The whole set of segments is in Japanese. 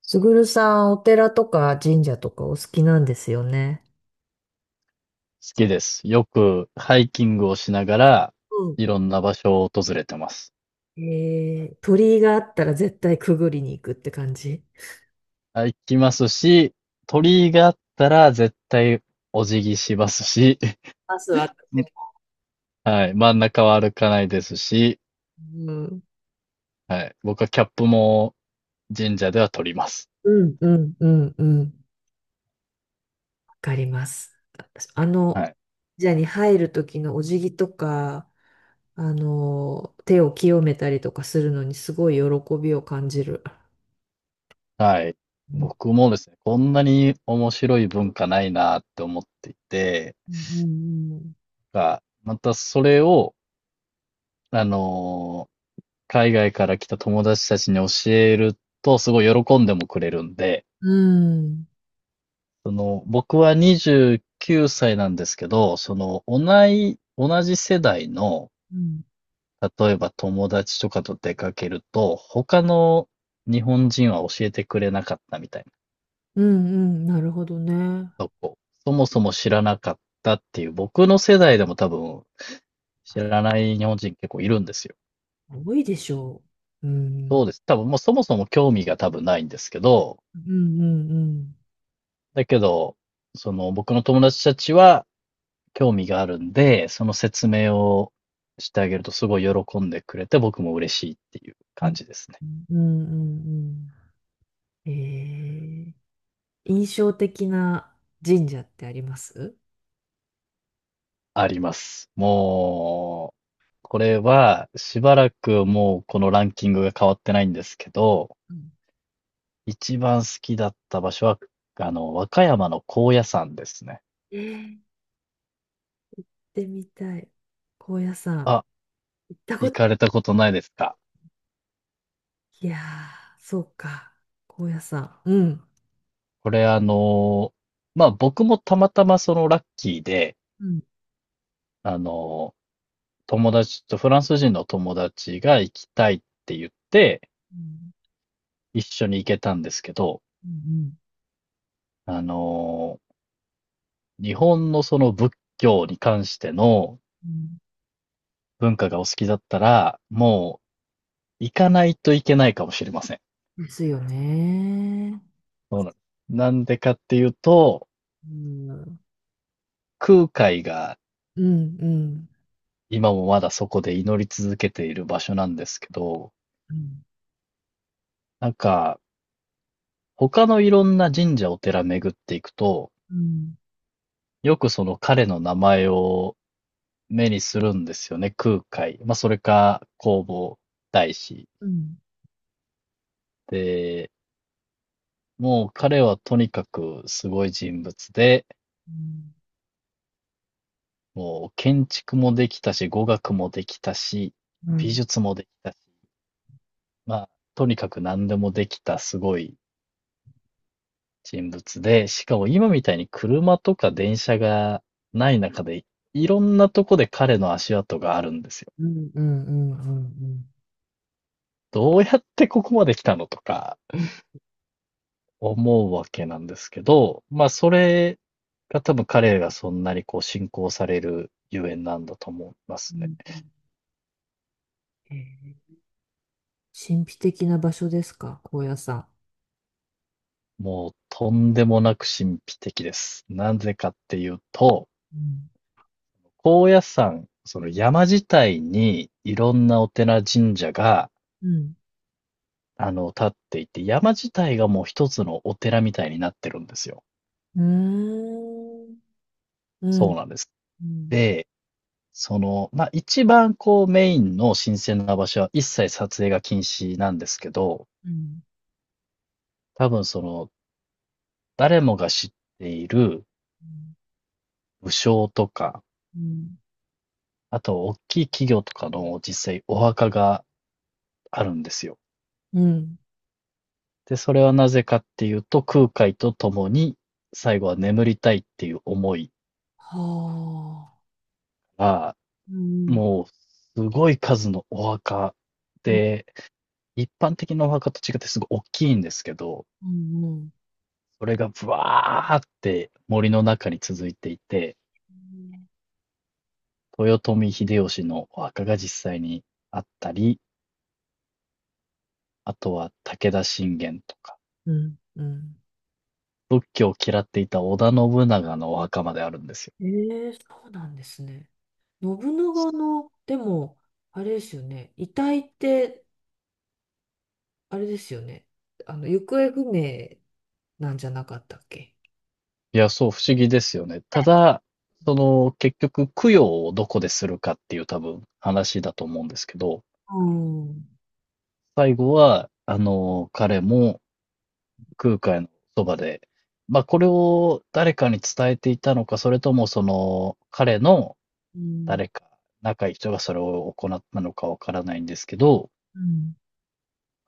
すぐるさん、お寺とか神社とかお好きなんですよね。きです。よくハイキングをしながら、うん。いろんな場所を訪れてます。鳥居があったら絶対くぐりに行くって感じ。あ、行きますし、鳥居があったら絶対お辞儀しますし、まず私 も。はい、真ん中は歩かないですし、うん、はい、僕はキャップも神社では取ります。うん、うん、うん、うん、わかります。私はい。神社に入る時のお辞儀とか、手を清めたりとかするのにすごい喜びを感じる。はい。うん僕もですね、こんなに面白い文化ないなって思っていて、うんが、またそれを、あの海外から来た友達たちに教えると、すごい喜んでもくれるんで、うんうん、その、僕は29歳なんですけど、その、同じ世代の、うん。例えば友達とかと出かけると、他の日本人は教えてくれなかったみたいうん、うん、なるほどね。なとこ、そもそも知らなかったっていう、僕の世代でも多分知らない日本人結構いるんですよ。多いでしょう。うそんうです。多分もうそもそも興味が多分ないんですけど、うんうんうんだけど、その僕の友達たちは、興味があるんで、その説明をしてあげるとすごい喜んでくれて、僕も嬉しいっていうう感んじですね。うんうん。ええ、印象的な神社ってあります？あります。もう、これはしばらくもうこのランキングが変わってないんですけど、一番好きだった場所は、あの、和歌山の高野山ですね。ええー。でみたい。神社さんあ、行ったこ行となかれたことないですか。い、いやー、そうか、神社さん、うんこれあの、まあ僕もたまたまそのラッキーで、うんあの、友達と、フランス人の友達が行きたいって言って、うん一緒に行けたんですけど、うんあのー日本のその仏教に関してのう文化がお好きだったら、もう行かないといけないかもしれません。ん。ですよね。そうなんです。なんでかっていうと、うんうん空海がうん今もまだそこで祈り続けている場所なんですけど、うんなんか、他のいろんな神社お寺巡っていくと、うんよくその彼の名前を目にするんですよね、空海。まあ、それか、弘法大師。うんで、もう彼はとにかくすごい人物で、もう建築もできたし、語学もできたし、う美ん術もできたし、まあ、とにかく何でもできたすごい人物で、しかも今みたいに車とか電車がない中で、いろんなとこで彼の足跡があるんですよ。うんうんうんうんうん。うんどうやってここまで来たのとか、うん思うわけなんですけど、まあそれが多分彼がそんなにこう信仰されるゆえんなんだと思いまうすね。んうん、えー、神秘的な場所ですか、高野山。もうとんでもなく神秘的です。なぜかっていうと、うん。高野山、その山自体にいろんなお寺神社が、うんあの、立っていて、山自体がもう一つのお寺みたいになってるんですよ。うーん。うそうん。なんです。うん。で、その、まあ、一番こうメインの神聖な場所は一切撮影が禁止なんですけど、うん。多分その、誰もが知っている武将とか、うん。あと大きい企業とかの実際お墓があるんですよ。うん。で、それはなぜかっていうと、空海と共に最後は眠りたいっていう思いはあ。が、うん。もうすごい数のお墓うん。で、一般的なお墓と違ってすごい大きいんですけど、うん。それがブワーって森の中に続いていて、豊臣秀吉のお墓が実際にあったり、あとは武田信玄とか、うん。うん。仏教を嫌っていた織田信長のお墓まであるんですよ。ええー、そうなんですね。信長の、でも、あれですよね。遺体って、あれですよね。行方不明なんじゃなかったっけ。いや、そう、不思議ですよね。ただ、その、結局、供養をどこでするかっていう多分話だと思うんですけど、うん。最後は、あの、彼も空海のそばで、まあ、これを誰かに伝えていたのか、それともその、彼のうん。誰か、仲いい人がそれを行ったのかわからないんですけど、うん。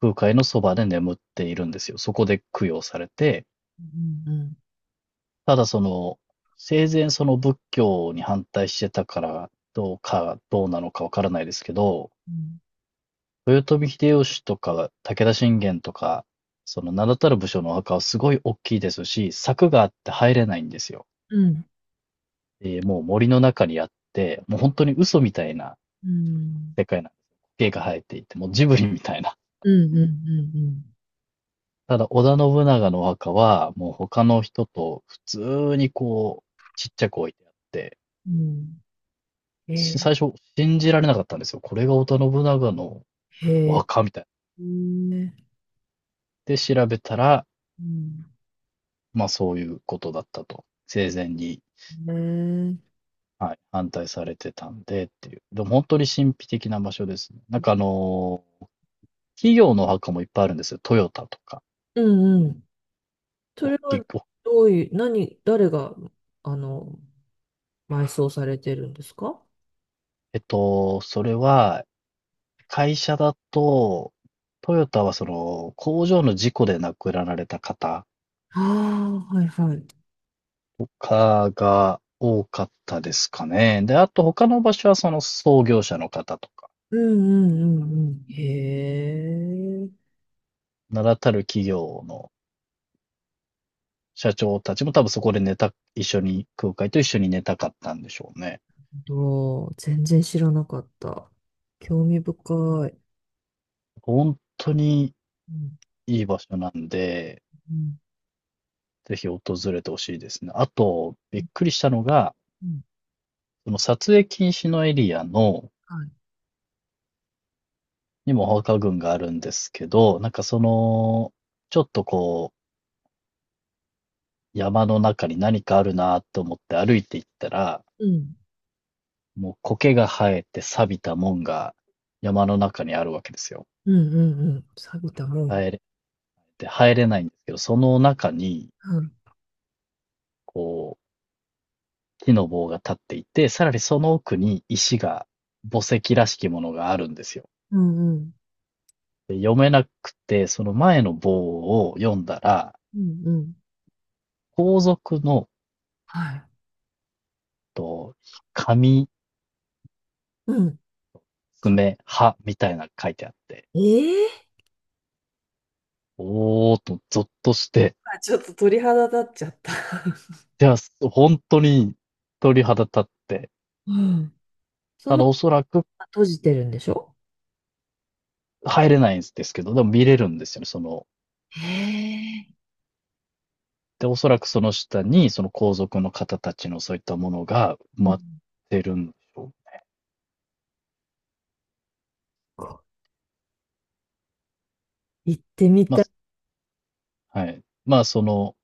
空海のそばで眠っているんですよ。そこで供養されて、うん。うん。ただその、生前その仏教に反対してたからどうか、どうなのかわからないですけど、豊臣秀吉とか武田信玄とか、その名だたる武将のお墓はすごい大きいですし、柵があって入れないんですよ。うん。えーもう森の中にあって、もう本当に嘘みたいなうん。世界なんです。苔が生えていて、もうジブリみたいな。うん。うん。うん。うん。ただ織田信長のお墓は、もう他の人と普通にこう、ちっちゃく置いてあって、うん、しえ最初信じられなかったんですよ。これが織田信長のー、おへー、墓みたい。うん。えで、調べたら、ー、まあそういうことだったと。生前に、はい、反対されてたんでっていう。でも本当に神秘的な場所ですね。なんか企業のお墓もいっぱいあるんですよ。トヨタとか。うんうん。そおっれきはく。どういう、何、誰が、あの、埋葬されてるんですか。えっと、それは、会社だと、トヨタはその工場の事故で亡くなられた方ああ、はいはい。かが多かったですかね。で、あと他の場所はその創業者の方とか、うんうんうんうん。へえ、名だたる企業の社長たちも多分そこで一緒に、空海と一緒に寝たかったんでしょうね。どう、全然知らなかった。興味深い。本当にうんいい場所なんで、うんぜひ訪れてほしいですね。あと、うびっんくりしたのが、うん、その撮影禁止のエリアの、はい。にもお墓群があるんですけど、なんかその、ちょっとこう、山の中に何かあるなと思って歩いていったら、うん。もう苔が生えて錆びた門が山の中にあるわけですよ。うんうんうん。錆びたもん。入れ、で、入れないんですけど、その中に、うん。こう、木の棒が立っていて、さらにその奥に石が、墓石らしきものがあるんですよ。うんうん。で読めなくて、その前の棒を読んだら、うんうん。皇族の、はい。と、紙、うん。か、爪、歯みたいなのが書いてあって、ええ、おーっと、ゾッとして、あちょっと鳥肌立っちゃった。いや、本当に鳥肌立って、うん。そたの、だおそらく閉じてるんでしょ。入れないんですけど、でも見れるんですよね、その。へえ。で、おそらくその下に、その皇族の方たちのそういったものが埋うまっん、てるんでしょう。こう行ってみまあ、たい。はい。まあ、その、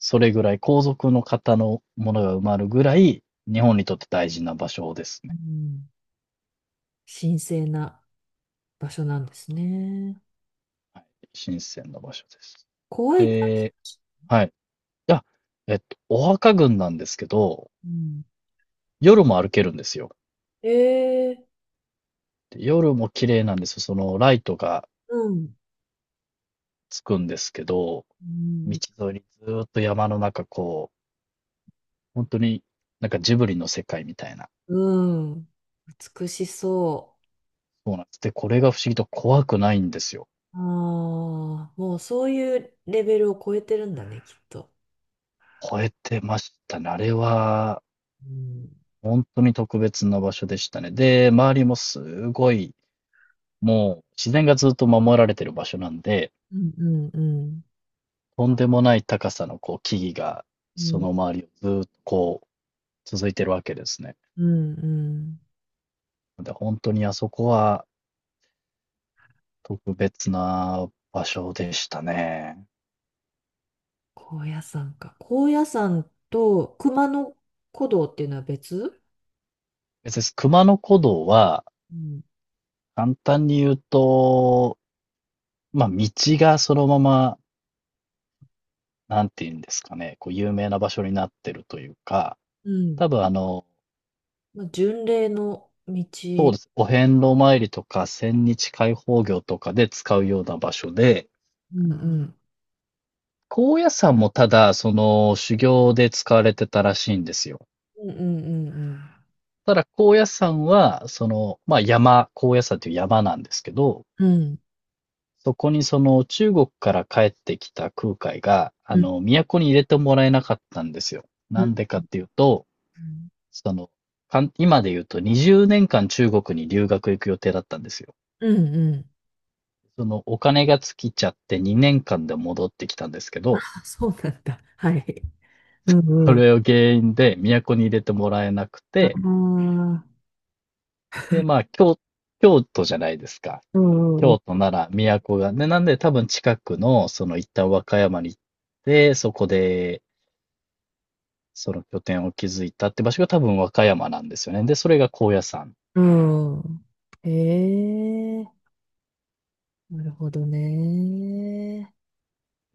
それぐらい、皇族の方のものが埋まるぐらい、日本にとって大事な場所ですうね。ん。神聖な場所なんですね。はい。神聖な場所です。怖いか。で、はい。あ、えっと、お墓群なんですけど、うん。夜も歩けるんですよ。ええ。で夜も綺麗なんですよ。そのライトがうん。つくんですけど、う道ん。沿いにずーっと山の中、こう、本当に、なんかジブリの世界みたいな。うん、美しそそうなんです。で、これが不思議と怖くないんですよ。う。ああ、もうそういうレベルを超えてるんだね、きっと。超えてましたね。あれは、うん。本当に特別な場所でしたね。で、周りもすごい、もう自然がずっと守られてる場所なんで、うんうんうん。とんでもない高さのこう木々が、うそんの周りをずーっとこう、続いてるわけですね。うんうん。で、本当にあそこは特別な場所でしたね。高野山か。高野山と熊野古道っていうのは別。別にす熊野古道はうん。簡単に言うと、まあ、道がそのまま、なんて言うんですかね、こう、有名な場所になってるというか、うん。多分あの、まあ、巡礼の道、そうでうす。お遍路参りとか、千日開放行とかで使うような場所で、んうん。高野山もただ、その、修行で使われてたらしいんですよ。うんうんうんただ、高野山は、その、まあ、山、高野山という山なんですけど、うん。うん。そこにその中国から帰ってきた空海が、あうんの、都に入れてもらえなかったんですよ。うなんんでかっていうと、うんその、かん今で言うと20年間中国に留学行く予定だったんですよ。うんうん。そのお金が尽きちゃって2年間で戻ってきたんですけあ、ど、そうなんだ。はい。うんうそん。れを原因で都に入れてもらえなくあて、あ、で、まあ、京、京都じゃないですか。うんうん京都なら都が。ね、なんで多分近くの、その一旦和歌山に行って、そこでその拠点を築いたって場所が多分和歌山なんですよね。で、それが高野山。うん。うん。へえ、なるほどね。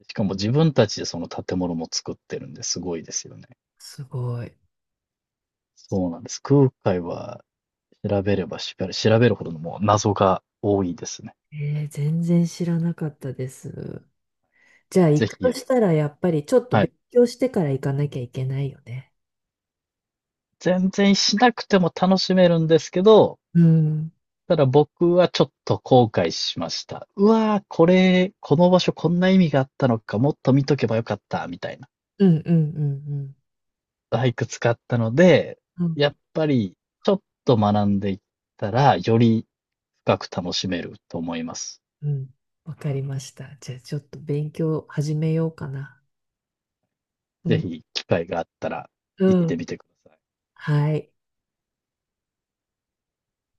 しかも自分たちでその建物も作ってるんですごいですよね。すごい。そうなんです。空海は調べればしっかり調べるほどのもう謎が多いですね。えー、全然知らなかったです。じゃあ行ぜくひ、とあしのたらやっぱりちょっとは勉い。強してから行かなきゃいけないよね。全然しなくても楽しめるんですけど、うん。ただ僕はちょっと後悔しました。うわー、これ、この場所こんな意味があったのか、もっと見とけばよかった、みたいな。うんうんうんうん。バイク使ったので、うんやっぱりちょっと学んでいったら、より深く楽しめると思います。うん。わかりました。じゃあちょっと勉強始めようかな。うぜん。ひ機会があったらう行ってん。みてください。はい。